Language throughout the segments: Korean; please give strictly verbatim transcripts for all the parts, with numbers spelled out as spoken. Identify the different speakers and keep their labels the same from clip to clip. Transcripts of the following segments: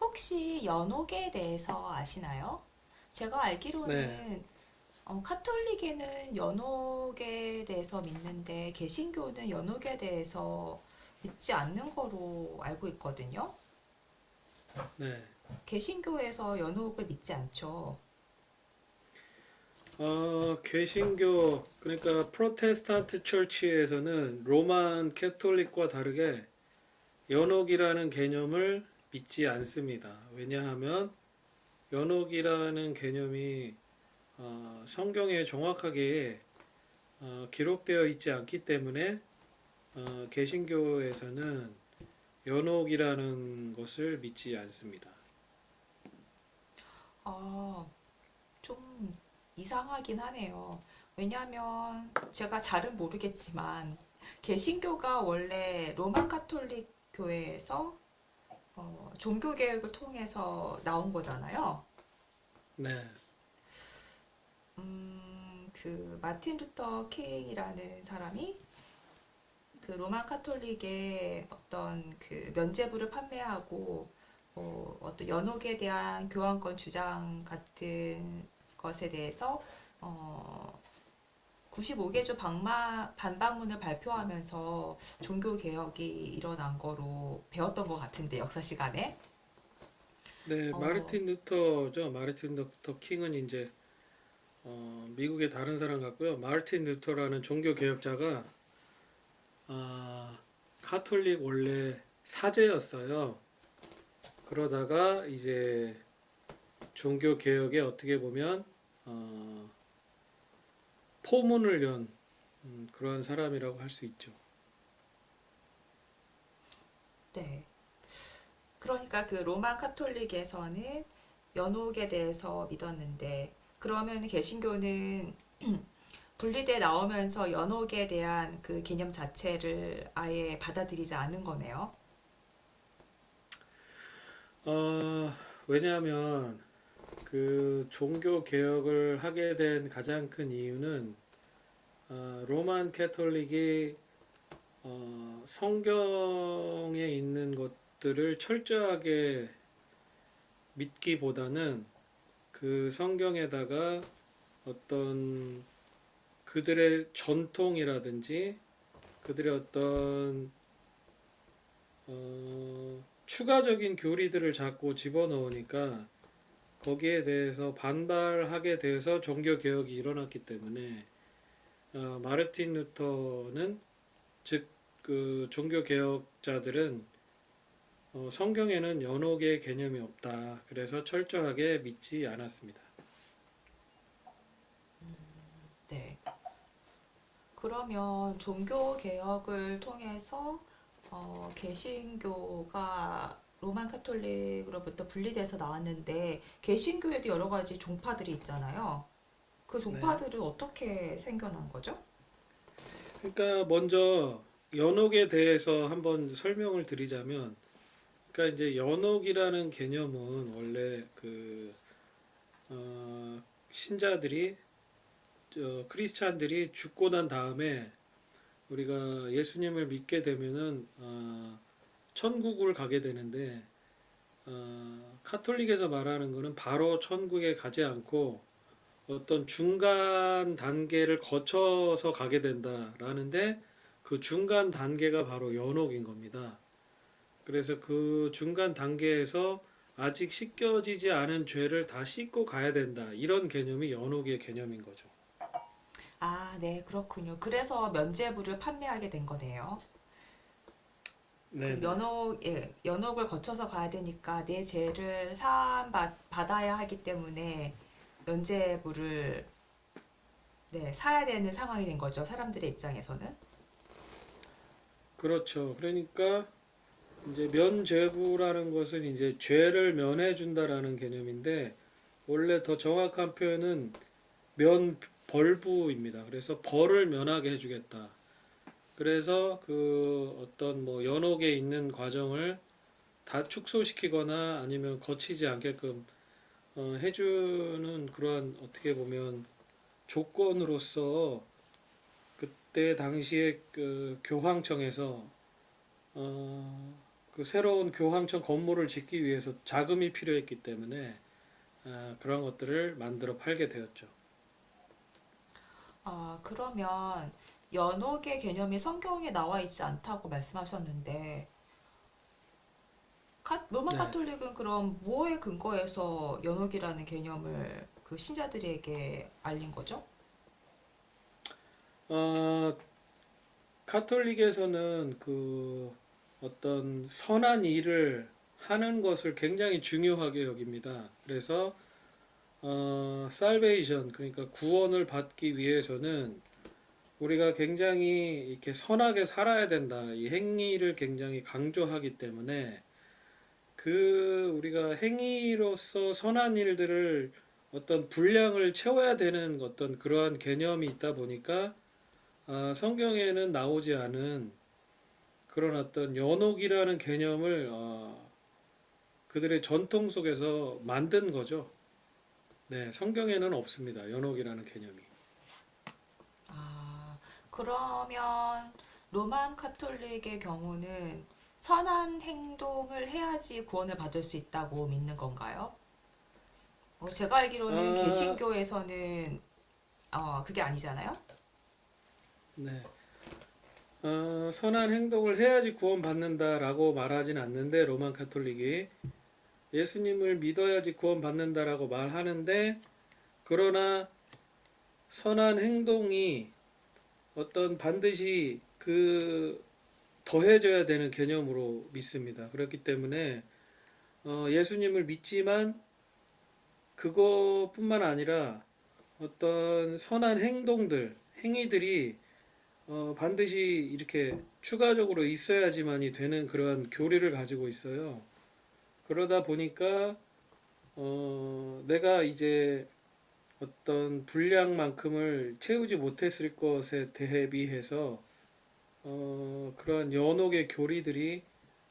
Speaker 1: 혹시 연옥에 대해서 아시나요? 제가
Speaker 2: 네,
Speaker 1: 알기로는 어, 카톨릭에는 연옥에 대해서 믿는데 개신교는 연옥에 대해서 믿지 않는 거로 알고 있거든요.
Speaker 2: 네.
Speaker 1: 개신교에서 연옥을 믿지 않죠.
Speaker 2: 어, 개신교, 그러니까 프로테스탄트 처치에서는 로만 캐톨릭과 다르게 연옥이라는 개념을 믿지 않습니다. 왜냐하면 연옥이라는 개념이 어, 성경에 정확하게 어, 기록되어 있지 않기 때문에 어, 개신교에서는 연옥이라는 것을 믿지 않습니다.
Speaker 1: 아, 좀 이상하긴 하네요. 왜냐하면 제가 잘은 모르겠지만 개신교가 원래 로마 카톨릭 교회에서 어, 종교개혁을 통해서 나온 거잖아요.
Speaker 2: 네,
Speaker 1: 음, 그 마틴 루터 킹이라는 사람이 그 로마 카톨릭의 어떤 그 면죄부를 판매하고 어, 어떤 연옥에 대한 교환권 주장 같은 것에 대해서 어, 구십오 개 조 방마, 반박문을 발표하면서 종교 개혁이 일어난 거로 배웠던 것 같은데 역사 시간에.
Speaker 2: 네,
Speaker 1: 어,
Speaker 2: 마르틴 루터죠. 마르틴 루터 킹은 이제 어, 미국의 다른 사람 같고요. 마르틴 루터라는 종교 개혁자가 아, 카톨릭 원래 사제였어요. 그러다가 이제 종교 개혁에 어떻게 보면 어, 포문을 연 음, 그러한 사람이라고 할 수 있죠.
Speaker 1: 네. 그러니까 그 로마 카톨릭에서는 연옥에 대해서 믿었는데 그러면 개신교는 분리돼 나오면서 연옥에 대한 그 개념 자체를 아예 받아들이지 않은 거네요.
Speaker 2: 어, 왜냐하면 그 종교 개혁을 하게 된 가장 큰 이유는 어, 로만 캐톨릭이 어, 성경에 있는 것들을 철저하게 믿기보다는 그 성경에다가 어떤 그들의 전통이라든지 그들의 어떤 어, 추가적인 교리들을 자꾸 집어넣으니까 거기에 대해서 반발하게 돼서 종교 개혁이 일어났기 때문에 어, 마르틴 루터는 즉 그 종교 개혁자들은 어, 성경에는 연옥의 개념이 없다. 그래서 철저하게 믿지 않았습니다.
Speaker 1: 네. 그러면 종교 개혁을 통해서 어, 개신교가 로마 카톨릭으로부터 분리돼서 나왔는데 개신교에도 여러 가지 종파들이 있잖아요. 그
Speaker 2: 네.
Speaker 1: 종파들은 어떻게 생겨난 거죠?
Speaker 2: 그러니까 먼저 연옥에 대해서 한번 설명을 드리자면, 그러니까 이제 연옥이라는 개념은 원래 그 어, 신자들이 어, 크리스찬들이 죽고 난 다음에 우리가 예수님을 믿게 되면은 어, 천국을 가게 되는데 어, 카톨릭에서 말하는 거는 바로 천국에 가지 않고 어떤 중간 단계를 거쳐서 가게 된다라는데 그 중간 단계가 바로 연옥인 겁니다. 그래서 그 중간 단계에서 아직 씻겨지지 않은 죄를 다 씻고 가야 된다. 이런 개념이 연옥의 개념인 거죠.
Speaker 1: 아, 네, 그렇군요. 그래서 면죄부를 판매하게 된 거네요. 그럼
Speaker 2: 네네.
Speaker 1: 연옥, 예, 연옥을 거쳐서 가야 되니까 내 죄를 사함받아야 하기 때문에 면죄부를, 네, 사야 되는 상황이 된 거죠. 사람들의 입장에서는.
Speaker 2: 그렇죠. 그러니까 이제 면죄부라는 것은 이제 죄를 면해준다라는 개념인데 원래 더 정확한 표현은 면벌부입니다. 그래서 벌을 면하게 해주겠다. 그래서 그 어떤 뭐 연옥에 있는 과정을 다 축소시키거나 아니면 거치지 않게끔 어, 해주는 그러한 어떻게 보면 조건으로서 그때 당시에 그 교황청에서 어, 그 새로운 교황청 건물을 짓기 위해서 자금이 필요했기 때문에 아, 그런 것들을 만들어 팔게 되었죠.
Speaker 1: 아, 그러면 연옥의 개념이 성경에 나와 있지 않다고 말씀하셨는데, 카- 로마
Speaker 2: 네.
Speaker 1: 카톨릭은 그럼 뭐에 근거해서 연옥이라는 개념을 그 신자들에게 알린 거죠?
Speaker 2: 어, 카톨릭에서는 그 어떤 선한 일을 하는 것을 굉장히 중요하게 여깁니다. 그래서 어, 살베이션 그러니까 구원을 받기 위해서는 우리가 굉장히 이렇게 선하게 살아야 된다. 이 행위를 굉장히 강조하기 때문에 그 우리가 행위로서 선한 일들을 어떤 분량을 채워야 되는 어떤 그러한 개념이 있다 보니까 아, 성경에는 나오지 않은 그런 어떤 연옥이라는 개념을 어, 그들의 전통 속에서 만든 거죠. 네, 성경에는 없습니다. 연옥이라는 개념이.
Speaker 1: 아, 그러면 로만 카톨릭의 경우는 선한 행동을 해야지 구원을 받을 수 있다고 믿는 건가요? 어, 제가 알기로는
Speaker 2: 아,
Speaker 1: 개신교에서는 어, 그게 아니잖아요?
Speaker 2: 네. 어, 선한 행동을 해야지 구원받는다라고 말하진 않는데 로만 카톨릭이 예수님을 믿어야지 구원받는다라고 말하는데 그러나 선한 행동이 어떤 반드시 그 더해져야 되는 개념으로 믿습니다. 그렇기 때문에 어, 예수님을 믿지만 그것뿐만 아니라 어떤 선한 행동들, 행위들이 어, 반드시 이렇게 추가적으로 있어야지만이 되는 그런 교리를 가지고 있어요. 그러다 보니까 어, 내가 이제 어떤 분량만큼을 채우지 못했을 것에 대비해서 어, 그런 연옥의 교리들이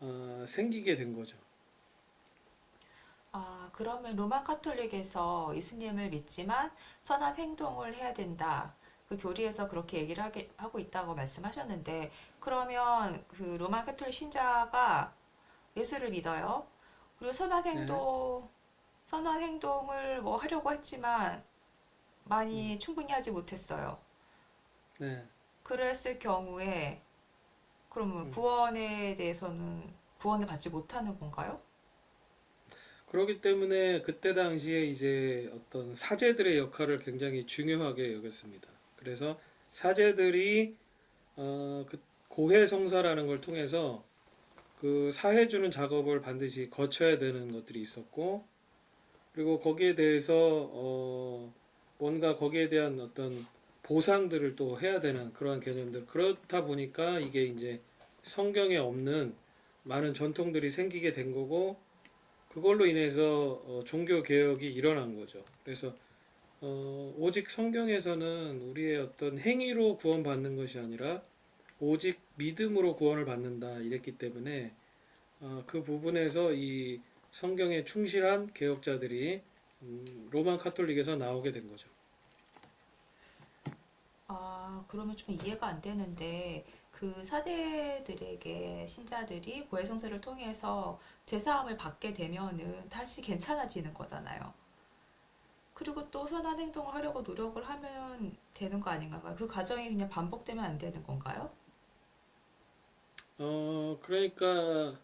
Speaker 2: 어, 생기게 된 거죠.
Speaker 1: 아, 그러면 로만 카톨릭에서 예수님을 믿지만 선한 행동을 해야 된다. 그 교리에서 그렇게 얘기를 하게, 하고 있다고 말씀하셨는데, 그러면 그 로만 카톨릭 신자가 예수를 믿어요? 그리고 선한
Speaker 2: 네,
Speaker 1: 행동, 선한 행동을 뭐 하려고 했지만
Speaker 2: 음,
Speaker 1: 많이 충분히 하지 못했어요.
Speaker 2: 네,
Speaker 1: 그랬을 경우에 그러면
Speaker 2: 음.
Speaker 1: 구원에 대해서는 구원을 받지 못하는 건가요?
Speaker 2: 그렇기 때문에 그때 당시에 이제 어떤 사제들의 역할을 굉장히 중요하게 여겼습니다. 그래서 사제들이 어, 그 고해 성사라는 걸 통해서 그 사해주는 작업을 반드시 거쳐야 되는 것들이 있었고 그리고 거기에 대해서 어, 뭔가 거기에 대한 어떤 보상들을 또 해야 되는 그러한 개념들 그렇다 보니까 이게 이제 성경에 없는 많은 전통들이 생기게 된 거고 그걸로 인해서 어, 종교 개혁이 일어난 거죠. 그래서 어, 오직 성경에서는 우리의 어떤 행위로 구원받는 것이 아니라 오직 믿음으로 구원을 받는다 이랬기 때문에 어, 그 부분에서 이 성경에 충실한 개혁자들이 음, 로마 카톨릭에서 나오게 된 거죠.
Speaker 1: 아, 그러면 좀 이해가 안 되는데 그 사제들에게 신자들이 고해 성사를 통해서 제사함을 받게 되면은 다시 괜찮아지는 거잖아요. 그리고 또 선한 행동을 하려고 노력을 하면 되는 거 아닌가요? 그 과정이 그냥 반복되면 안 되는 건가요?
Speaker 2: 어, 그러니까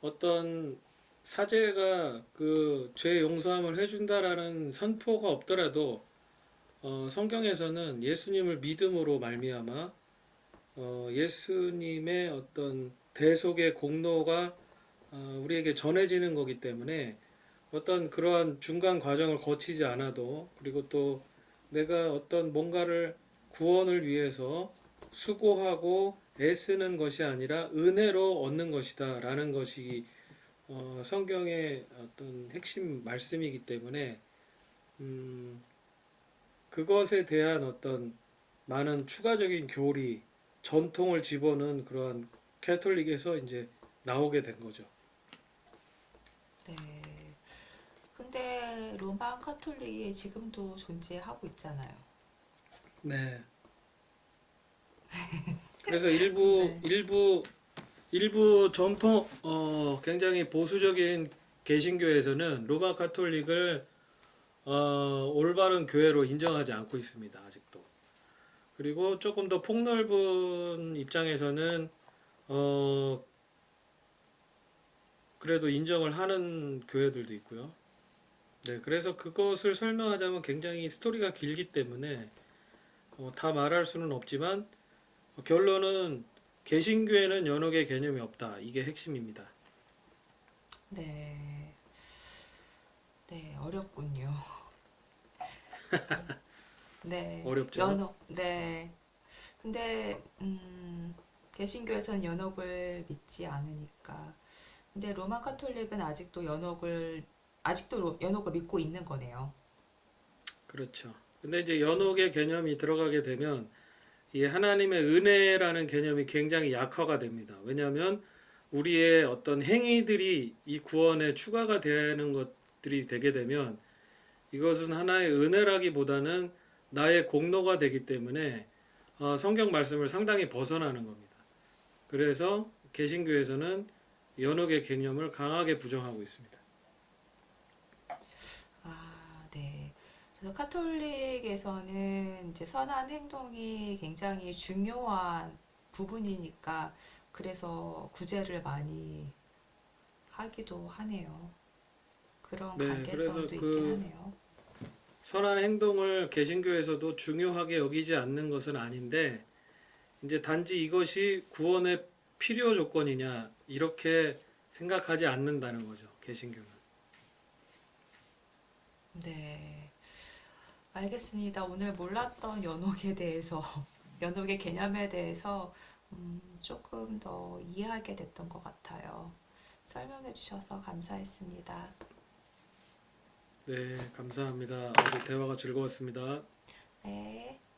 Speaker 2: 어떤 사제가 그 죄 용서함을 해준다라는 선포가 없더라도 어, 성경에서는 예수님을 믿음으로 말미암아 어, 예수님의 어떤 대속의 공로가 어, 우리에게 전해지는 거기 때문에 어떤 그러한 중간 과정을 거치지 않아도 그리고 또 내가 어떤 뭔가를 구원을 위해서 수고하고 애쓰는 것이 아니라 은혜로 얻는 것이다라는 것이 어, 성경의 어떤 핵심 말씀이기 때문에 음, 그것에 대한 어떤 많은 추가적인 교리, 전통을 집어넣은 그러한 캐톨릭에서 이제 나오게 된 거죠.
Speaker 1: 네. 근데 로마 카톨릭이 지금도 존재하고 있잖아요.
Speaker 2: 네. 그래서 일부
Speaker 1: 네.
Speaker 2: 일부 일부 전통 어 굉장히 보수적인 개신교에서는 로마 카톨릭을 어 올바른 교회로 인정하지 않고 있습니다. 아직도. 그리고 조금 더 폭넓은 입장에서는 어 그래도 인정을 하는 교회들도 있고요. 네, 그래서 그것을 설명하자면 굉장히 스토리가 길기 때문에 어, 다 말할 수는 없지만 어, 결론은 개신교에는 연옥의 개념이 없다. 이게 핵심입니다.
Speaker 1: 네, 네, 어렵군요. 네,
Speaker 2: 어렵죠?
Speaker 1: 연옥, 네. 근데, 음, 개신교에서는 연옥을 믿지 않으니까. 근데 로마 카톨릭은 아직도 연옥을, 아직도 로- 연옥을 믿고 있는 거네요.
Speaker 2: 그렇죠. 근데 이제 연옥의 개념이 들어가게 되면 이 하나님의 은혜라는 개념이 굉장히 약화가 됩니다. 왜냐하면 우리의 어떤 행위들이 이 구원에 추가가 되는 것들이 되게 되면 이것은 하나의 은혜라기보다는 나의 공로가 되기 때문에 어, 성경 말씀을 상당히 벗어나는 겁니다. 그래서 개신교에서는 연옥의 개념을 강하게 부정하고 있습니다.
Speaker 1: 아, 네. 그래서 카톨릭에서는 이제 선한 행동이 굉장히 중요한 부분이니까 그래서 구제를 많이 하기도 하네요. 그런
Speaker 2: 네,
Speaker 1: 관계성도
Speaker 2: 그래서
Speaker 1: 있긴
Speaker 2: 그
Speaker 1: 하네요.
Speaker 2: 선한 행동을 개신교에서도 중요하게 여기지 않는 것은 아닌데 이제 단지 이것이 구원의 필요 조건이냐 이렇게 생각하지 않는다는 거죠. 개신교는.
Speaker 1: 네. 알겠습니다. 오늘 몰랐던 연옥에 대해서, 연옥의 개념에 대해서 음, 조금 더 이해하게 됐던 것 같아요. 설명해 주셔서 감사했습니다.
Speaker 2: 네, 감사합니다. 오늘 대화가 즐거웠습니다.
Speaker 1: 네.